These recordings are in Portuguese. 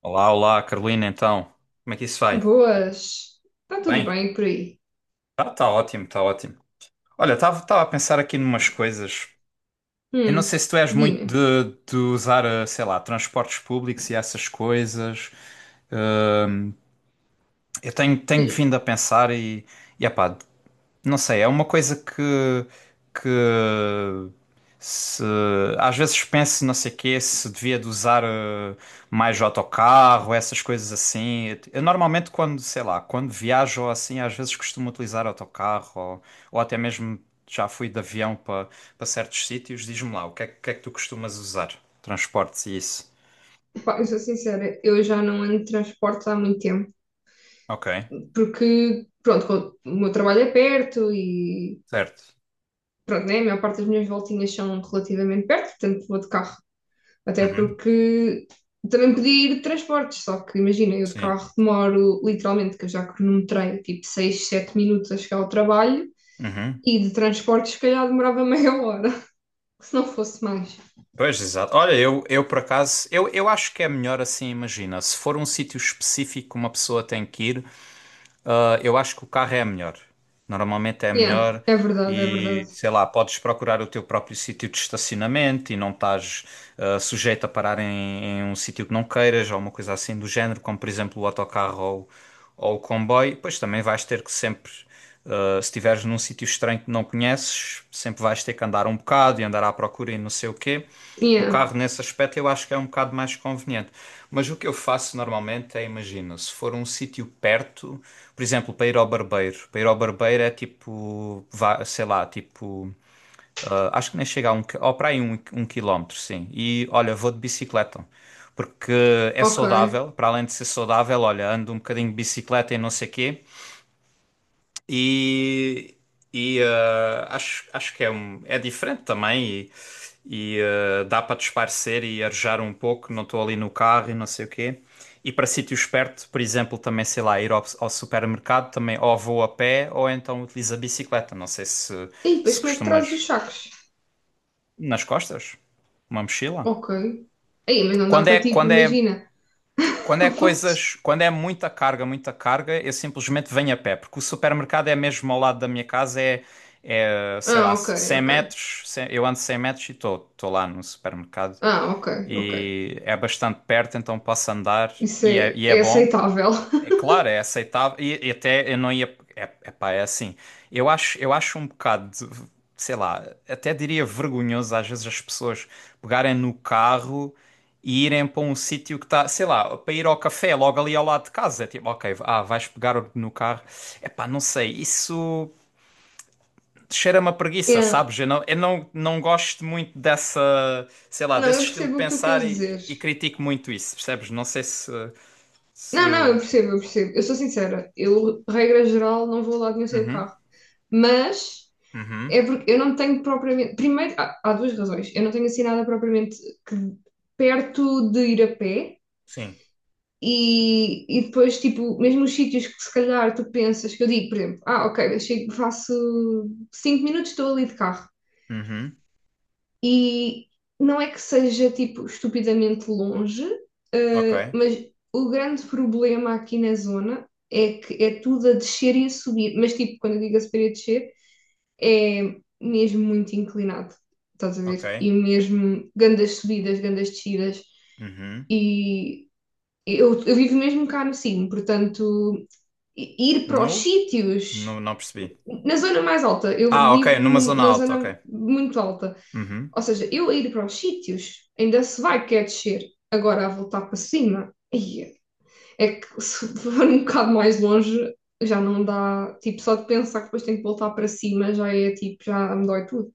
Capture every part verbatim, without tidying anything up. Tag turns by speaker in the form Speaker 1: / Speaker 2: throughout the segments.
Speaker 1: Olá, olá, Carolina, então. Como é que isso vai?
Speaker 2: Boas. Está tudo
Speaker 1: Bem?
Speaker 2: bem por aí?
Speaker 1: Tá, tá ótimo, tá ótimo. Olha, estava a pensar aqui numas coisas. Eu não
Speaker 2: Hum,
Speaker 1: sei se tu és muito
Speaker 2: Dime.
Speaker 1: de, de usar, eh, sei lá, transportes públicos e essas coisas. Hum, eu tenho, tenho vindo a pensar e, e epá, não sei, é uma coisa que, que se às vezes penso, não sei quê, se devia de usar eh, mais autocarro, essas coisas assim. Eu normalmente quando, sei lá, quando viajo ou assim, às vezes costumo utilizar autocarro ou, ou até mesmo já fui de avião para para certos sítios. Diz-me lá, o que é, que é que tu costumas usar? Transportes e isso.
Speaker 2: Pá, eu sou sincera, eu já não ando de transportes há muito tempo,
Speaker 1: Ok,
Speaker 2: porque, pronto, o meu trabalho é perto e,
Speaker 1: certo.
Speaker 2: pronto, né, a maior parte das minhas voltinhas são relativamente perto, portanto vou de carro. Até
Speaker 1: Uhum.
Speaker 2: porque também podia ir de transportes, só que imagina, eu de
Speaker 1: Sim.
Speaker 2: carro demoro literalmente, que eu já cronometrei, tipo seis, sete minutos a chegar ao trabalho
Speaker 1: Uhum.
Speaker 2: e de transportes, se calhar demorava meia hora, se não fosse mais.
Speaker 1: Pois, exato. Olha, eu, eu por acaso, eu, eu acho que é melhor assim, imagina, se for um sítio específico que uma pessoa tem que ir, ah, eu acho que o carro é melhor. Normalmente é
Speaker 2: Yeah,
Speaker 1: melhor
Speaker 2: é verdade, é
Speaker 1: e,
Speaker 2: verdade.
Speaker 1: sei lá, podes procurar o teu próprio sítio de estacionamento e não estás ah, sujeito a parar em, em um sítio que não queiras ou uma coisa assim do género, como por exemplo o autocarro ou, ou o comboio. Pois também vais ter que sempre Uh, se estiveres num sítio estranho que não conheces, sempre vais ter que andar um bocado e andar à procura e não sei o quê. O
Speaker 2: Yeah,
Speaker 1: carro, nesse aspecto, eu acho que é um bocado mais conveniente. Mas o que eu faço normalmente é, imagina, se for um sítio perto, por exemplo, para ir ao barbeiro. Para ir ao barbeiro é tipo, vá- sei lá, tipo, ah, acho que nem chega a um, qui- ou para aí um, um quilómetro, sim. E olha, vou de bicicleta. Porque é
Speaker 2: ok.
Speaker 1: saudável, para além de ser saudável, olha, ando um bocadinho de bicicleta e não sei quê. E, e eh, acho, acho que é, um, é diferente também e, e, eh, dá para disparecer e arejar um pouco, não estou ali no carro e não sei o quê. E para sítios perto, por exemplo, também, sei lá, ir ao, ao supermercado também ou vou a pé ou então utilizo a bicicleta. Não sei se,
Speaker 2: E depois
Speaker 1: se
Speaker 2: como é que trazes
Speaker 1: costumas
Speaker 2: os sacos?
Speaker 1: nas costas, uma mochila.
Speaker 2: Ok. Aí, mas não dá
Speaker 1: Quando é,
Speaker 2: para tipo,
Speaker 1: quando é
Speaker 2: imagina.
Speaker 1: Quando é
Speaker 2: Pois.
Speaker 1: coisas, quando é muita carga, muita carga, eu simplesmente venho a pé, porque o supermercado é mesmo ao lado da minha casa, é, é sei lá,
Speaker 2: Ah, ok,
Speaker 1: cem
Speaker 2: ok.
Speaker 1: metros, cem eu ando cem metros e estou lá no supermercado.
Speaker 2: Ah, ok, ok.
Speaker 1: E é bastante perto, então posso andar
Speaker 2: Isso
Speaker 1: e é,
Speaker 2: é,
Speaker 1: e é
Speaker 2: é
Speaker 1: bom.
Speaker 2: aceitável.
Speaker 1: É claro, é aceitável. E, e até eu não ia. É, é pá, é assim. Eu acho, eu acho um bocado, de- sei lá, até diria vergonhoso às vezes as pessoas pegarem no carro e irem para um sítio que está, sei lá, para ir ao café logo ali ao lado de casa. É tipo, ok, ah, vais pegar no carro. É pá, não sei, isso cheira-me a preguiça,
Speaker 2: Yeah.
Speaker 1: sabes? Eu não, eu não, não gosto muito dessa, sei lá,
Speaker 2: Não,
Speaker 1: desse
Speaker 2: eu
Speaker 1: estilo de
Speaker 2: percebo o que tu
Speaker 1: pensar
Speaker 2: queres
Speaker 1: e,
Speaker 2: dizer.
Speaker 1: e critico muito isso, percebes? Não sei se. Se...
Speaker 2: Não, não, eu percebo, eu percebo. Eu sou sincera. Eu, regra geral, não vou lá de nenhum sem o
Speaker 1: Uhum,
Speaker 2: carro. Mas
Speaker 1: uhum.
Speaker 2: é porque eu não tenho propriamente. Primeiro, há, há duas razões. Eu não tenho assim nada propriamente que- perto de ir a pé.
Speaker 1: Sim.
Speaker 2: E, e depois, tipo, mesmo os sítios que se calhar tu pensas, que eu digo, por exemplo, ah, ok, eu chego, faço cinco minutos, estou ali de carro.
Speaker 1: Uhum.
Speaker 2: E não é que seja, tipo, estupidamente longe,
Speaker 1: Ok.
Speaker 2: eh, mas o grande problema aqui na zona é que é tudo a descer e a subir. Mas, tipo, quando eu digo a subir e a descer, é mesmo muito inclinado, estás a ver?
Speaker 1: Ok.
Speaker 2: E mesmo grandes subidas, grandes descidas.
Speaker 1: Uhum.
Speaker 2: E eu, eu vivo mesmo cá no Sino, portanto, i- ir para os
Speaker 1: Nu? Nu,
Speaker 2: sítios.
Speaker 1: não percebi.
Speaker 2: Na zona mais alta, eu
Speaker 1: Ah, ok.
Speaker 2: vivo
Speaker 1: Numa
Speaker 2: num-
Speaker 1: zona
Speaker 2: na
Speaker 1: alta, ok.
Speaker 2: zona muito alta.
Speaker 1: Uhum.
Speaker 2: Ou seja, eu a ir para os sítios ainda se vai quer descer. Agora a voltar para cima, aí é que se for um bocado mais longe já não dá. Tipo, só de pensar que depois tenho que voltar para cima já é tipo, já me dói tudo.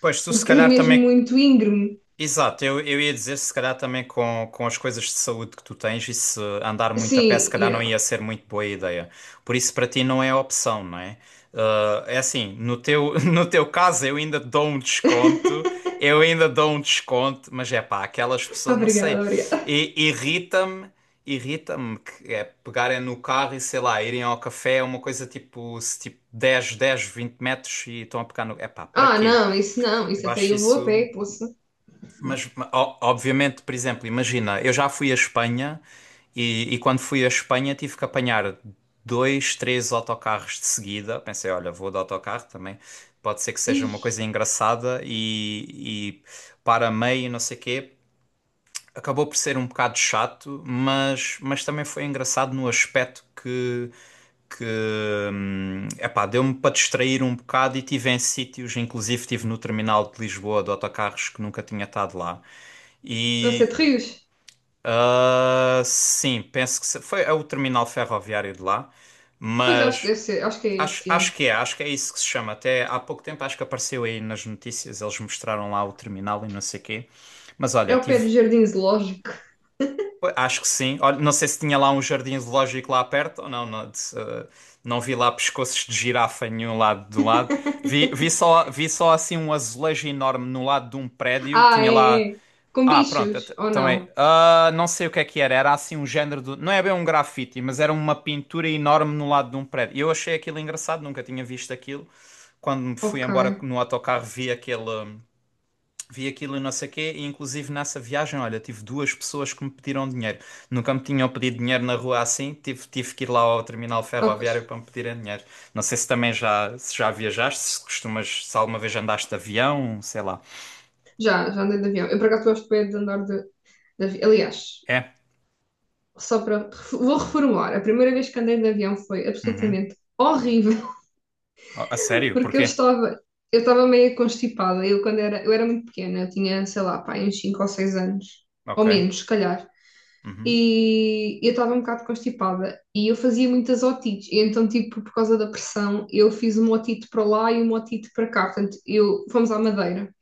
Speaker 1: Pois, tu se
Speaker 2: Porque é
Speaker 1: calhar
Speaker 2: mesmo
Speaker 1: também.
Speaker 2: muito íngreme.
Speaker 1: Exato, eu, eu ia dizer, se calhar também com, com as coisas de saúde que tu tens, e se andar muito a pé, se
Speaker 2: Sim,
Speaker 1: calhar não
Speaker 2: yeah.
Speaker 1: ia ser muito boa ideia. Por isso, para ti não é opção, não é? Ah, é assim, no teu, no teu caso eu ainda dou um desconto, eu ainda dou um desconto, mas é pá, aquelas pessoas, não
Speaker 2: Obrigada,
Speaker 1: sei,
Speaker 2: obrigada.
Speaker 1: i- irrita-me, irrita-me que é pegarem no carro e sei lá, irem ao café, é uma coisa tipo, se, tipo dez, dez, vinte metros e estão a pegar no. É pá, para
Speaker 2: Ah,
Speaker 1: quê?
Speaker 2: não, isso não, isso
Speaker 1: Eu
Speaker 2: até
Speaker 1: acho
Speaker 2: eu vou a
Speaker 1: isso.
Speaker 2: pé, poça.
Speaker 1: Mas, ma- o- obviamente, por exemplo, imagina, eu já fui à Espanha e, e quando fui à Espanha tive que apanhar dois, três autocarros de seguida. Pensei, olha, vou de autocarro também, pode ser que seja uma coisa
Speaker 2: Ih,
Speaker 1: engraçada e, e para meio, não sei quê, acabou por ser um bocado chato, mas, mas também foi engraçado no aspecto que, que hum, epá, deu-me para distrair um bocado e tive em sítios, inclusive tive no terminal de Lisboa de autocarros que nunca tinha estado lá.
Speaker 2: vai ser
Speaker 1: E
Speaker 2: de rios.
Speaker 1: ah, sim, penso que se- foi é o terminal ferroviário de lá,
Speaker 2: Pois acho que
Speaker 1: mas
Speaker 2: deve ser, acho que é
Speaker 1: acho,
Speaker 2: esse, já.
Speaker 1: acho que é, acho que é isso que se chama. Até há pouco tempo acho que apareceu aí nas notícias, eles mostraram lá o terminal e não sei quê. Mas olha,
Speaker 2: É o pé do
Speaker 1: tive.
Speaker 2: jardim zoológico.
Speaker 1: Pois, acho que sim. Olha, não sei se tinha lá um jardim zoológico lá perto ou não. Não, de- eh, não vi lá pescoços de girafa em nenhum lado do lado. Vi, vi só, vi só assim um azulejo enorme no lado de um prédio.
Speaker 2: Ah,
Speaker 1: Tinha lá.
Speaker 2: é, é. Com
Speaker 1: Ah, pronto.
Speaker 2: bichos,
Speaker 1: et-
Speaker 2: ou
Speaker 1: Então é.
Speaker 2: não?
Speaker 1: Ah, não sei o que é que era. Era assim um género de. Não é bem um grafite, mas era uma pintura enorme no lado de um prédio. E eu achei aquilo engraçado, nunca tinha visto aquilo. Quando me fui
Speaker 2: Ok.
Speaker 1: embora no autocarro, vi aquele. Vi aquilo e não sei o quê, e inclusive nessa viagem, olha, tive duas pessoas que me pediram dinheiro. Nunca me tinham pedido dinheiro na rua assim, tive, tive que ir lá ao terminal
Speaker 2: Ah,
Speaker 1: ferroviário
Speaker 2: pois.
Speaker 1: para me pedirem dinheiro. Não sei se também já, se já viajaste, se costumas, se alguma vez andaste de avião, sei lá.
Speaker 2: Já, já andei de avião. Eu por acaso gosto bem de andar de, de avião. Aliás,
Speaker 1: É?
Speaker 2: só para. ref- Vou reformular. A primeira vez que andei de avião foi
Speaker 1: Uhum.
Speaker 2: absolutamente horrível,
Speaker 1: Oh, a sério?
Speaker 2: porque eu
Speaker 1: Porquê?
Speaker 2: estava. Eu estava meio constipada. Eu, quando era, eu era muito pequena, eu tinha, sei lá, pá, uns cinco ou seis anos. Ou
Speaker 1: Ok.
Speaker 2: menos, se calhar.
Speaker 1: Uhum.
Speaker 2: E eu estava um bocado constipada e eu fazia muitas otites, e então, tipo, por causa da pressão, eu fiz uma otite para lá e uma otite para cá, portanto, eu, fomos à Madeira.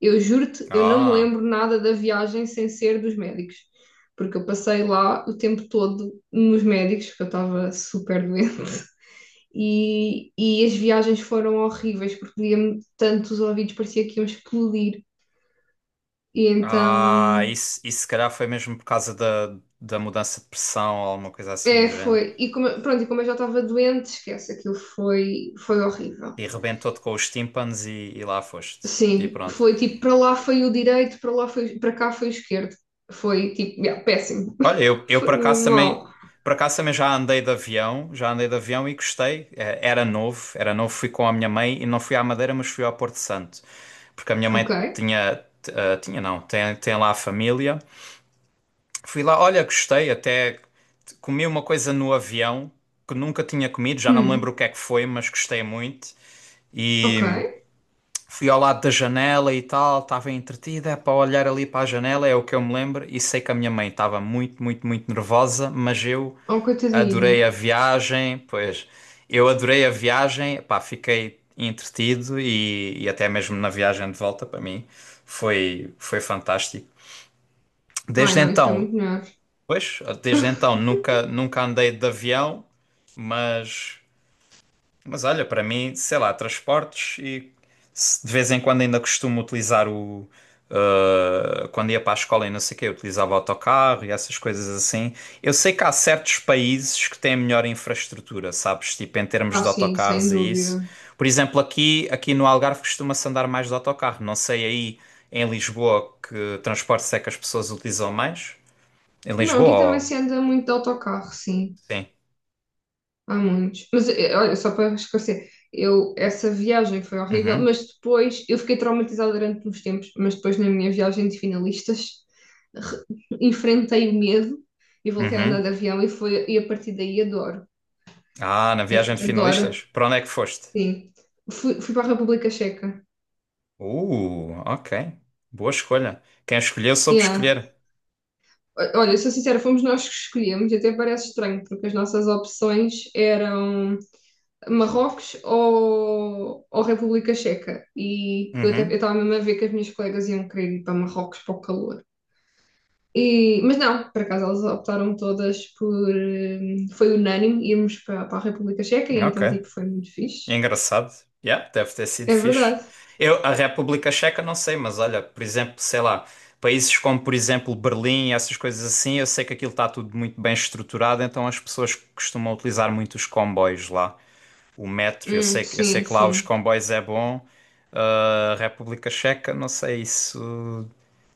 Speaker 2: Eu juro-te, eu não me
Speaker 1: Ah,
Speaker 2: lembro nada da viagem sem ser dos médicos, porque eu passei lá o tempo todo nos médicos, porque eu estava super doente. E, e as viagens foram horríveis, porque doía-me tanto os ouvidos, parecia que iam explodir. E
Speaker 1: ah,
Speaker 2: então.
Speaker 1: isso, isso se calhar foi mesmo por causa da, da mudança de pressão ou alguma coisa assim do
Speaker 2: É,
Speaker 1: género.
Speaker 2: foi. E como, pronto, e como eu já estava doente, esquece, aquilo foi, foi horrível.
Speaker 1: E rebentou-te com os tímpanos e, e lá foste. E
Speaker 2: Sim,
Speaker 1: pronto.
Speaker 2: foi tipo, para lá foi o direito, para lá foi, para cá foi o esquerdo. Foi tipo, yeah, péssimo.
Speaker 1: Olha, eu, eu
Speaker 2: Foi
Speaker 1: por acaso
Speaker 2: mesmo
Speaker 1: também,
Speaker 2: mal.
Speaker 1: por acaso também já andei de avião, já andei de avião e gostei. Eh, Era novo, era novo, fui com a minha mãe e não fui à Madeira, mas fui ao Porto Santo. Porque a minha
Speaker 2: Ok.
Speaker 1: mãe tinha, t- eh, tinha não, tem, tem lá a família. Fui lá, olha, gostei, até t- comi uma coisa no avião que nunca tinha comido, já não me
Speaker 2: Hum,
Speaker 1: lembro o que é que foi, mas gostei muito.
Speaker 2: ok.
Speaker 1: Fui ao lado da janela e tal, estava entretida é para olhar ali para a janela, é o que eu me lembro, e sei que a minha mãe estava muito, muito, muito nervosa, mas eu
Speaker 2: Oh,
Speaker 1: adorei
Speaker 2: coitadinha.
Speaker 1: a viagem, pois eu adorei a viagem, pá, fiquei entretido e, e até mesmo na viagem de volta para mim foi, foi fantástico.
Speaker 2: Ai,
Speaker 1: Desde
Speaker 2: não, isso foi
Speaker 1: então,
Speaker 2: muito melhor.
Speaker 1: pois, desde então nunca, nunca andei de avião, mas. Mas olha, para mim, sei lá, transportes e se- de vez em quando ainda costumo utilizar o. Uh, quando ia para a escola e não sei o quê, eu utilizava autocarro e essas coisas assim. Eu sei que há certos países que têm melhor infraestrutura, sabes? Tipo, em termos
Speaker 2: Ah,
Speaker 1: de
Speaker 2: sim, sem
Speaker 1: autocarros e isso.
Speaker 2: dúvida.
Speaker 1: Por exemplo, aqui, aqui no Algarve costuma-se andar mais de autocarro. Não sei aí em Lisboa que transportes é que as pessoas utilizam mais. Em
Speaker 2: Não,
Speaker 1: Lisboa,
Speaker 2: aqui também
Speaker 1: ou...
Speaker 2: se anda muito de autocarro, sim.
Speaker 1: sim.
Speaker 2: Há muitos. Mas eh, olha, só para esclarecer, eu, essa viagem foi horrível,
Speaker 1: Uhum,
Speaker 2: mas depois eu fiquei traumatizada durante uns tempos, mas depois na minha viagem de finalistas re- enfrentei o medo e voltei a andar
Speaker 1: uhum.
Speaker 2: de avião e, foi, e a partir daí adoro.
Speaker 1: Ah, na
Speaker 2: É
Speaker 1: viagem
Speaker 2: f-
Speaker 1: de
Speaker 2: adoro,
Speaker 1: finalistas? Para onde é que foste?
Speaker 2: sim. Fui, fui para a República Checa.
Speaker 1: Uh, ok. Boa escolha. Quem escolheu soube
Speaker 2: Yeah.
Speaker 1: escolher.
Speaker 2: O- Olha, sou sincera, fomos nós que escolhemos, e até parece estranho, porque as nossas opções eram. Marrocos ou, ou República Checa. E eu até eu
Speaker 1: Uhum,
Speaker 2: estava mesmo a ver que as minhas colegas iam querer ir para Marrocos para o calor. E, mas não, por acaso elas optaram todas por. hum, Foi unânime irmos para, para a República Checa e então,
Speaker 1: ok.
Speaker 2: tipo, foi muito fixe.
Speaker 1: Engraçado. Yeah, deve ter sido
Speaker 2: É
Speaker 1: fixe.
Speaker 2: verdade.
Speaker 1: Eu, a República Checa, não sei, mas olha, por exemplo, sei lá, países como, por exemplo, Berlim, essas coisas assim, eu sei que aquilo está tudo muito bem estruturado, então as pessoas costumam utilizar muito os comboios lá. O metro, eu
Speaker 2: Hum,
Speaker 1: sei, que- eu sei
Speaker 2: sim,
Speaker 1: que lá os
Speaker 2: sim.
Speaker 1: comboios é bom. Ah, a República Checa, não sei isso.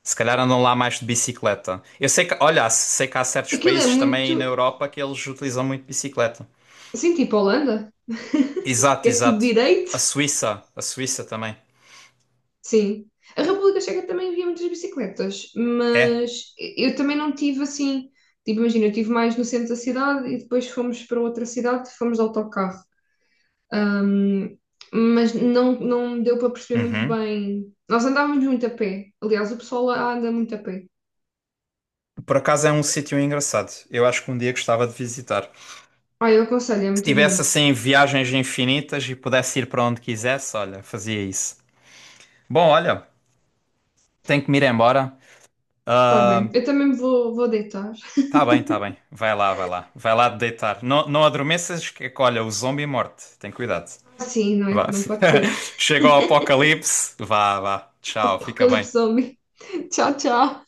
Speaker 1: Se calhar andam lá mais de bicicleta. Eu sei que, olha, sei que há certos
Speaker 2: Aquilo é
Speaker 1: países também na
Speaker 2: muito.
Speaker 1: Europa que eles utilizam muito bicicleta.
Speaker 2: Sim, tipo Holanda,
Speaker 1: Exato,
Speaker 2: que é tudo
Speaker 1: exato.
Speaker 2: direito.
Speaker 1: A Suíça, a Suíça também.
Speaker 2: Sim. A República Checa também havia muitas bicicletas,
Speaker 1: É.
Speaker 2: mas eu também não tive assim. Tipo, imagina, eu estive mais no centro da cidade e depois fomos para outra cidade, fomos de autocarro. Ahm, mas não, não deu para perceber muito
Speaker 1: Uhum.
Speaker 2: bem. Nós andávamos muito a pé. Aliás, o pessoal lá anda muito a pé.
Speaker 1: Por acaso é um sítio engraçado. Eu acho que um dia gostava de visitar.
Speaker 2: Ah, eu aconselho, é
Speaker 1: Se
Speaker 2: muito
Speaker 1: tivesse
Speaker 2: bonito.
Speaker 1: assim viagens infinitas e pudesse ir para onde quisesse, olha, fazia isso. Bom, olha, tenho que me ir embora.
Speaker 2: Tá bem.
Speaker 1: Ah,
Speaker 2: Eu também me vou, vou deitar.
Speaker 1: tá bem, tá bem. Vai lá, vai lá. Vai lá deitar. Não, não adormeças que, olha, o zombie morte. Tem cuidado.
Speaker 2: Ah, sim, não
Speaker 1: Vá.
Speaker 2: é? Não pode ser.
Speaker 1: Chegou o apocalipse. Vá, vá. Tchau, fica bem.
Speaker 2: Apocalipse Zombie. Tchau, tchau.